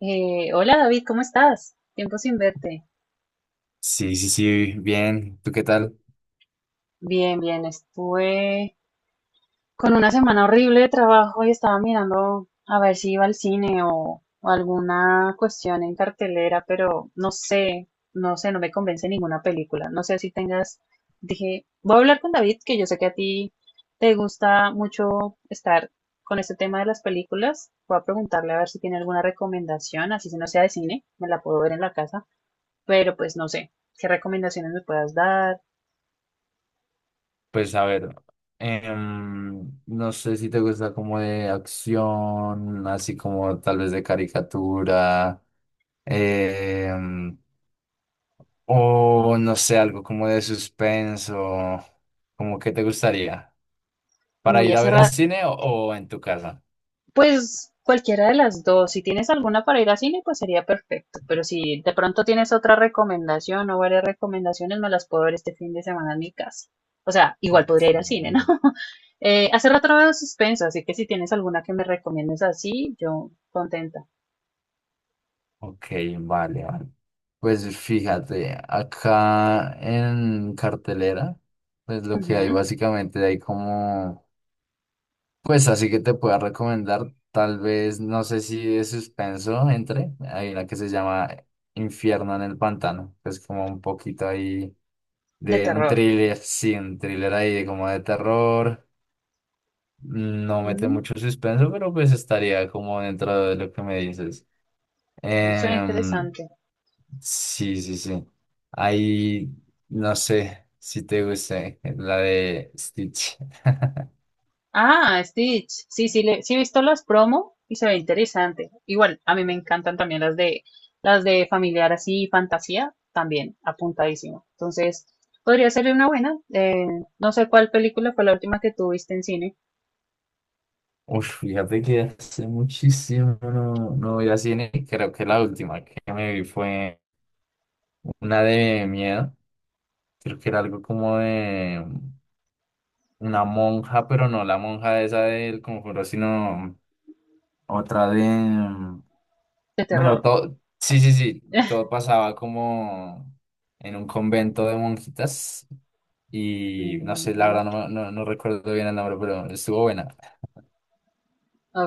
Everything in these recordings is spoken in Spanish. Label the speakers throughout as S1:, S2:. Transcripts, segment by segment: S1: Hola, David, ¿cómo estás? Tiempo sin verte.
S2: Sí, sí, sí, bien. ¿Tú qué tal?
S1: Bien, bien, estuve con una semana horrible de trabajo y estaba mirando a ver si iba al cine o alguna cuestión en cartelera, pero no sé, no sé, no me convence ninguna película. No sé si tengas, dije, voy a hablar con David, que yo sé que a ti te gusta mucho estar con este tema de las películas. Voy a preguntarle a ver si tiene alguna recomendación, así si no sea de cine, me la puedo ver en la casa. Pero pues no sé, ¿qué recomendaciones me puedas dar?
S2: Pues a ver, no sé si te gusta como de acción, así como tal vez de caricatura, em, o no sé, algo como de suspenso, como que te gustaría, para
S1: Uy,
S2: ir a
S1: hace
S2: ver en
S1: rato,
S2: cine o en tu casa.
S1: pues cualquiera de las dos, si tienes alguna para ir a cine, pues sería perfecto, pero si de pronto tienes otra recomendación o varias recomendaciones, me las puedo ver este fin de semana en mi casa. O sea, igual podría ir al cine, ¿no?
S2: Ok.
S1: Hace rato no veo suspenso, así que si tienes alguna que me recomiendes así, yo contenta.
S2: Ok, vale, vale. Pues fíjate, acá en cartelera, pues lo que hay
S1: Ujú.
S2: básicamente hay como, pues así que te pueda recomendar, tal vez, no sé si de suspenso entre, hay una que se llama Infierno en el Pantano, que es como un poquito ahí
S1: De
S2: de un
S1: terror.
S2: thriller, sí, un thriller ahí de como de terror, no mete
S1: Mm,
S2: mucho suspenso, pero pues estaría como dentro de lo que me dices.
S1: suena
S2: Em,
S1: interesante.
S2: Sí, sí, sí. Ahí no sé si te gusta la de Stitch.
S1: Ah, Stitch. Sí, sí, le, sí he visto las promo y se ve interesante. Igual, a mí me encantan también las de familiar así, fantasía, también apuntadísimo. Entonces, podría ser una buena. No sé cuál película fue la última que tuviste en cine
S2: Uf, fíjate que hace muchísimo no, no voy a cine. Creo que la última que me vi fue una de miedo. Creo que era algo como de una monja, pero no la monja esa del conjuro, sino otra de
S1: de
S2: bueno,
S1: terror.
S2: todo, sí, sí, sí, todo pasaba como en un convento de monjitas y no sé, la
S1: Mm,
S2: verdad no, no, no recuerdo bien el nombre, pero estuvo buena.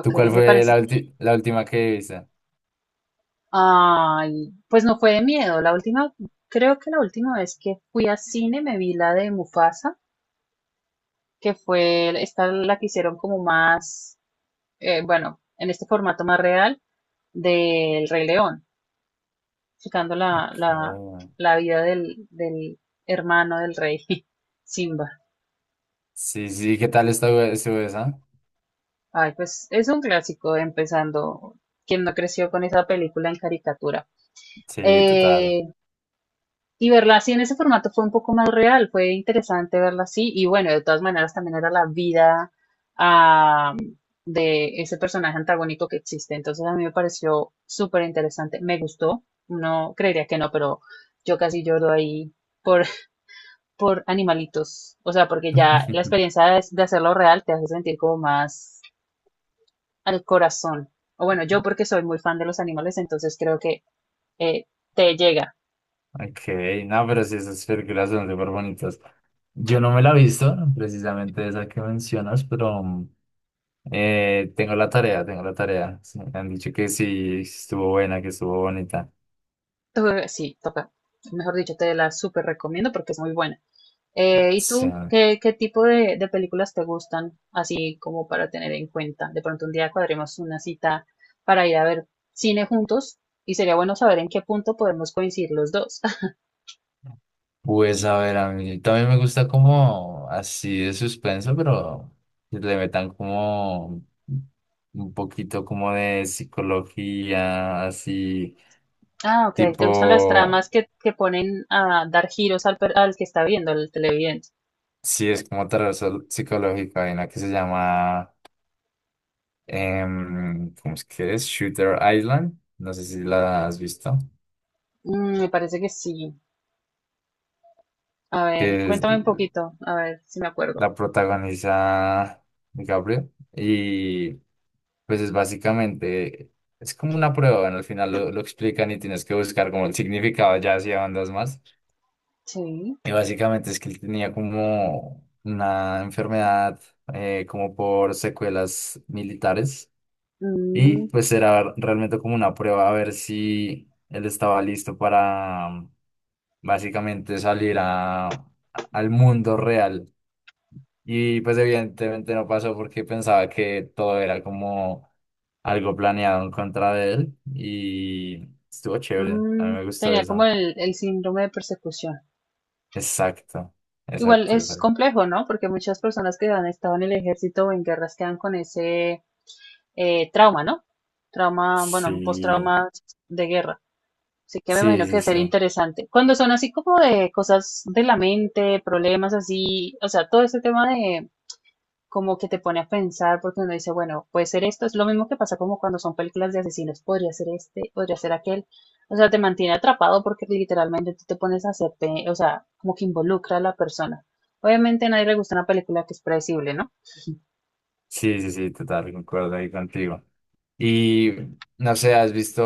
S2: ¿Tú cuál
S1: me
S2: fue
S1: parece.
S2: la, la última que viste?
S1: Ay, pues no fue de miedo. La última, creo que la última vez que fui a cine me vi la de Mufasa, que fue esta la que hicieron como más bueno, en este formato más real del Rey León, explicando
S2: Ok.
S1: la vida del hermano del rey, Simba.
S2: Sí, sí, ¿qué tal estuvo, estuvo esa?
S1: Ay, pues es un clásico, empezando, quien no creció con esa película en caricatura.
S2: Sí, total.
S1: Eh, Y verla así en ese formato fue un poco más real, fue interesante verla así. Y bueno, de todas maneras también era la vida ah, de ese personaje antagónico que existe. Entonces a mí me pareció súper interesante, me gustó. No creería que no, pero yo casi lloro ahí por, por animalitos. O sea, porque ya la experiencia de hacerlo real te hace sentir como más al corazón. O bueno, yo porque soy muy fan de los animales, entonces creo que eh, te llega
S2: Ok, no, pero sí, esas películas son súper bonitas. Yo no me la he visto, precisamente esa que mencionas, pero... mm, tengo la tarea, tengo la tarea. Sí, me han dicho que sí, estuvo buena, que estuvo bonita.
S1: to- sí, toca. Mejor dicho, te la súper recomiendo porque es muy buena. ¿Y
S2: Sí.
S1: tú qué, qué tipo de películas te gustan? Así como para tener en cuenta. De pronto un día cuadremos una cita para ir a ver cine juntos y sería bueno saber en qué punto podemos coincidir los dos.
S2: Pues a ver, a mí también me gusta como así de suspenso, pero que le metan como un poquito como de psicología, así
S1: Ah, ok. ¿Te gustan las
S2: tipo,
S1: tramas que ponen a dar giros al, per- al que está viendo, al televidente?
S2: sí es como terror psicológico, hay una que se llama, ¿cómo es que es? Shooter Island, no sé si la has visto,
S1: Mm, me parece que sí. A ver,
S2: que es,
S1: cuéntame un poquito, a ver si me acuerdo.
S2: la protagoniza Gabriel y pues es básicamente, es como una prueba, ¿no? Al final lo explican y tienes que buscar como el significado ya hacia bandas más.
S1: Sí.
S2: Y básicamente es que él tenía como una enfermedad como por secuelas militares y pues era realmente como una prueba a ver si él estaba listo para básicamente salir a, al mundo real. Y pues evidentemente no pasó porque pensaba que todo era como algo planeado en contra de él y estuvo chévere, a mí
S1: Mm,
S2: me gustó
S1: tenía como
S2: eso.
S1: el síndrome de persecución.
S2: Exacto,
S1: Igual
S2: exacto,
S1: es
S2: exacto.
S1: complejo, ¿no? Porque muchas personas que han estado en el ejército o en guerras quedan con ese trauma, ¿no? Trauma, bueno, un
S2: Sí,
S1: postrauma de guerra. Así que me
S2: sí,
S1: imagino que
S2: sí,
S1: debe ser
S2: sí,
S1: interesante. Cuando son así como de cosas de la mente, problemas así, o sea, todo ese tema de, como que te pone a pensar porque uno dice, bueno, puede ser esto, es lo mismo que pasa como cuando son películas de asesinos, podría ser este, podría ser aquel, o sea, te mantiene atrapado porque literalmente tú te pones a hacer, pe- o sea, como que involucra a la persona. Obviamente a nadie le gusta una película que es predecible, ¿no?
S2: sí, sí, sí, total, concuerdo ahí contigo. Y no sé, ¿has visto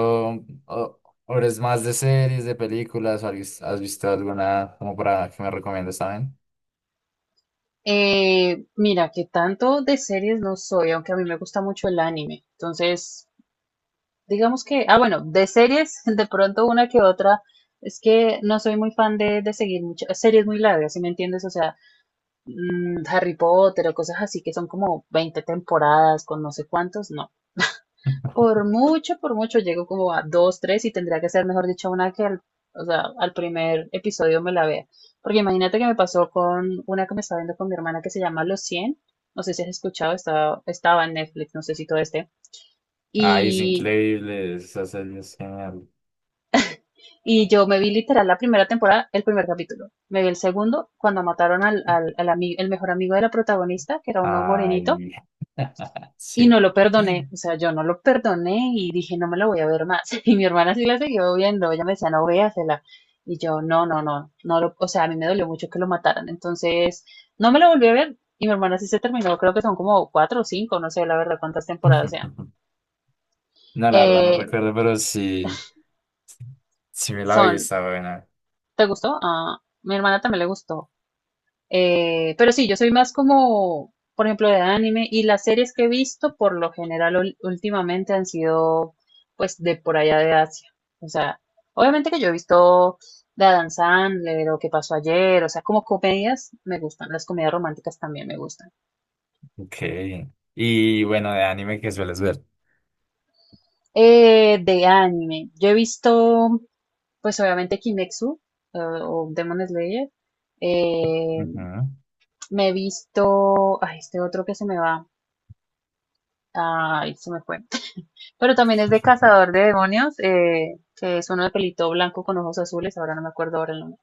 S2: o- horas más de series, de películas? O ¿has has visto alguna como para que me recomiendes también?
S1: Mira, que tanto de series no soy, aunque a mí me gusta mucho el anime. Entonces, digamos que, ah, bueno, de series, de pronto una que otra, es que no soy muy fan de seguir muchas series muy largas, ¿si me entiendes? O sea, mm, Harry Potter o cosas así que son como 20 temporadas con no sé cuántos, no. Por mucho llego como a dos, tres y tendría que ser, mejor dicho, una que al, o sea, al primer episodio me la vea. Porque imagínate que me pasó con una que me estaba viendo con mi hermana que se llama Los cien. No sé si has escuchado, estaba, estaba en Netflix, no sé si todo este.
S2: Ay, es
S1: Y,
S2: increíble, esa serie es genial.
S1: y yo me vi literal la primera temporada, el primer capítulo. Me vi el segundo cuando mataron al ami- el mejor amigo de la protagonista, que era uno morenito.
S2: Ay,
S1: Y no
S2: sí.
S1: lo perdoné, o sea, yo no lo perdoné y dije, no me lo voy a ver más. Y mi hermana sí la siguió viendo, ella me decía, no véasela. Y yo, no, no, no, no lo, o sea, a mí me dolió mucho que lo mataran. Entonces, no me lo volví a ver y mi hermana sí se terminó, creo que son como cuatro o cinco, no sé la verdad cuántas temporadas sean.
S2: No, la verdad no
S1: Eh,
S2: recuerdo, pero sí, sí me la vi,
S1: son,
S2: está buena.
S1: ¿te gustó? Ah, mi hermana también le gustó. Pero sí, yo soy más como, por ejemplo, de anime y las series que he visto por lo general ul- últimamente han sido pues de por allá de Asia. O sea, obviamente que yo he visto The Adam Sandler o Qué pasó ayer, o sea, como comedias me gustan, las comedias románticas también me gustan.
S2: Ok. Y bueno, de anime que sueles ver.
S1: De anime, yo he visto pues obviamente Kimetsu o Demon Slayer. Eh,
S2: Ujú.
S1: me he visto, ay, este otro que se me va, ay, se me fue. Pero también es de Cazador de Demonios, que es uno de pelito blanco con ojos azules, ahora no me acuerdo ahora el nombre.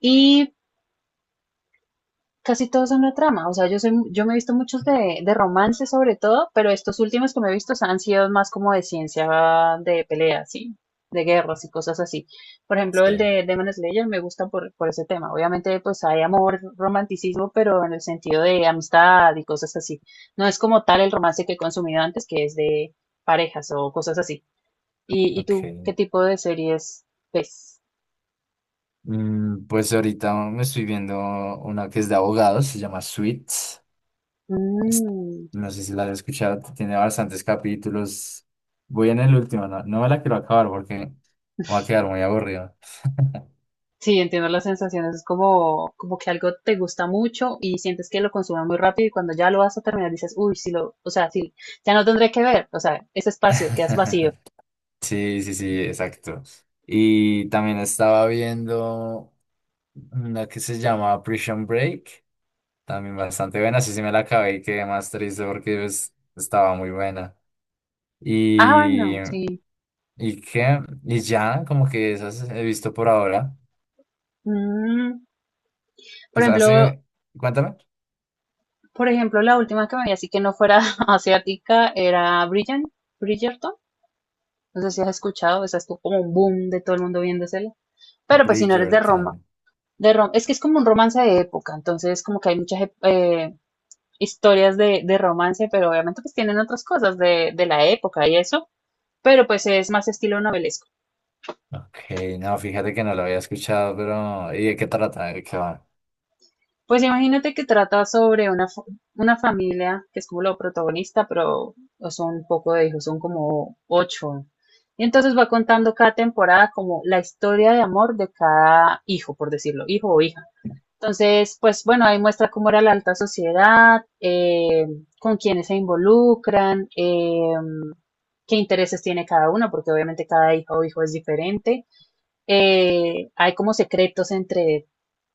S1: Y casi todos son la trama, o sea, yo, soy, yo me he visto muchos de romance sobre todo, pero estos últimos que me he visto han sido más como de ciencia, de peleas, sí, de guerras y cosas así. Por ejemplo, el
S2: Sí,
S1: de Demon Slayer me gusta por ese tema. Obviamente, pues hay amor, romanticismo, pero en el sentido de amistad y cosas así. No es como tal el romance que he consumido antes, que es de parejas o cosas así. Y
S2: ok.
S1: tú qué tipo de series ves?
S2: Mm, pues ahorita me estoy viendo una que es de abogados, se llama Suits. Es-
S1: Mm,
S2: No sé si la has escuchado, tiene bastantes capítulos. Voy en el último, no, no me la quiero acabar porque me va a quedar muy aburrido.
S1: sí, entiendo las sensaciones. Es como, como que algo te gusta mucho y sientes que lo consumas muy rápido y cuando ya lo vas a terminar dices, uy, sí lo, o sea, sí, ya no tendré que ver. O sea, ese espacio quedas vacío.
S2: Sí, sí, sí, exacto. Y también estaba viendo una que se llama Prison Break, también bastante buena, sí, sí me la acabé y quedé más triste porque pues, estaba muy buena.
S1: Ah,
S2: Y,
S1: bueno, sí.
S2: y qué, y ya, como que esas he visto por ahora.
S1: Mm, por
S2: Pues
S1: ejemplo,
S2: hace, cuéntame.
S1: la última que me vi así que no fuera asiática era Bridgerton. Bridgerton. No sé si has escuchado, esa estuvo como un boom de todo el mundo viéndosela. Pero pues si no eres de Roma,
S2: Bridgerton.
S1: de rom- es que es como un romance de época, entonces como que hay muchas ep- historias de romance, pero obviamente pues tienen otras cosas de la época y eso, pero pues es más estilo novelesco.
S2: Ok, no, fíjate que no lo había escuchado, pero ¿y de qué trata? ¿De qué va?
S1: Pues imagínate que trata sobre una, fa- una familia que es como lo protagonista, pero son un poco de hijos, son como ocho. Y entonces va contando cada temporada como la historia de amor de cada hijo, por decirlo, hijo o hija. Entonces, pues bueno, ahí muestra cómo era la alta sociedad, con quiénes se involucran, qué intereses tiene cada uno, porque obviamente cada hija o hijo es diferente. Hay como secretos entre,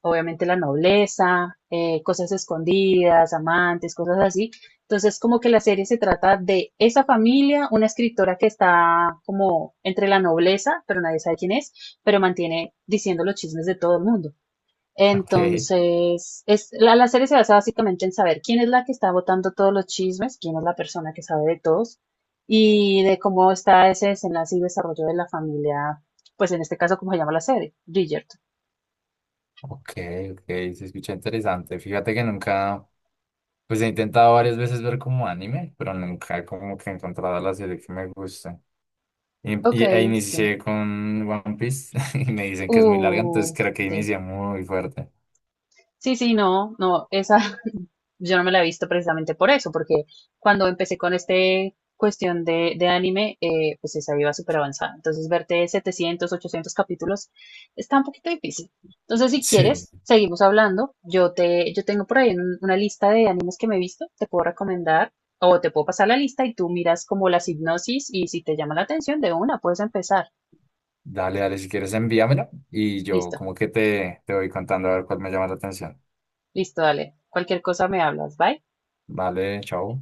S1: obviamente, la nobleza, cosas escondidas, amantes, cosas así. Entonces, como que la serie se trata de esa familia, una escritora que está como entre la nobleza, pero nadie sabe quién es, pero mantiene diciendo los chismes de todo el mundo.
S2: Ok.
S1: Entonces, es, la serie se basa básicamente en saber quién es la que está botando todos los chismes, quién es la persona que sabe de todos y de cómo está ese desenlace y desarrollo de la familia, pues en este caso, como se llama la serie, Bridgerton.
S2: Ok, ok, se escucha interesante. Fíjate que nunca, pues he intentado varias veces ver como anime, pero nunca como que he encontrado la serie que me gusta. Y,
S1: Ok,
S2: e
S1: sí.
S2: inicié con One Piece y me dicen que es muy larga, entonces
S1: Uh,
S2: creo que
S1: sí.
S2: inicié muy fuerte.
S1: Sí, sí, no, no, esa yo no me la he visto precisamente por eso, porque cuando empecé con este cuestión de anime, pues esa iba súper avanzada. Entonces, verte 700, 800 capítulos está un poquito difícil. Entonces, si
S2: Sí.
S1: quieres, seguimos hablando. Yo te, yo tengo por ahí un- una lista de animes que me he visto, te puedo recomendar o te puedo pasar la lista y tú miras como las hipnosis y si te llama la atención de una, puedes empezar.
S2: Dale, dale, si quieres envíamela y yo
S1: Listo,
S2: como que te voy contando a ver cuál me llama la atención.
S1: listo, dale. Cualquier cosa me hablas. Bye.
S2: Vale, chao.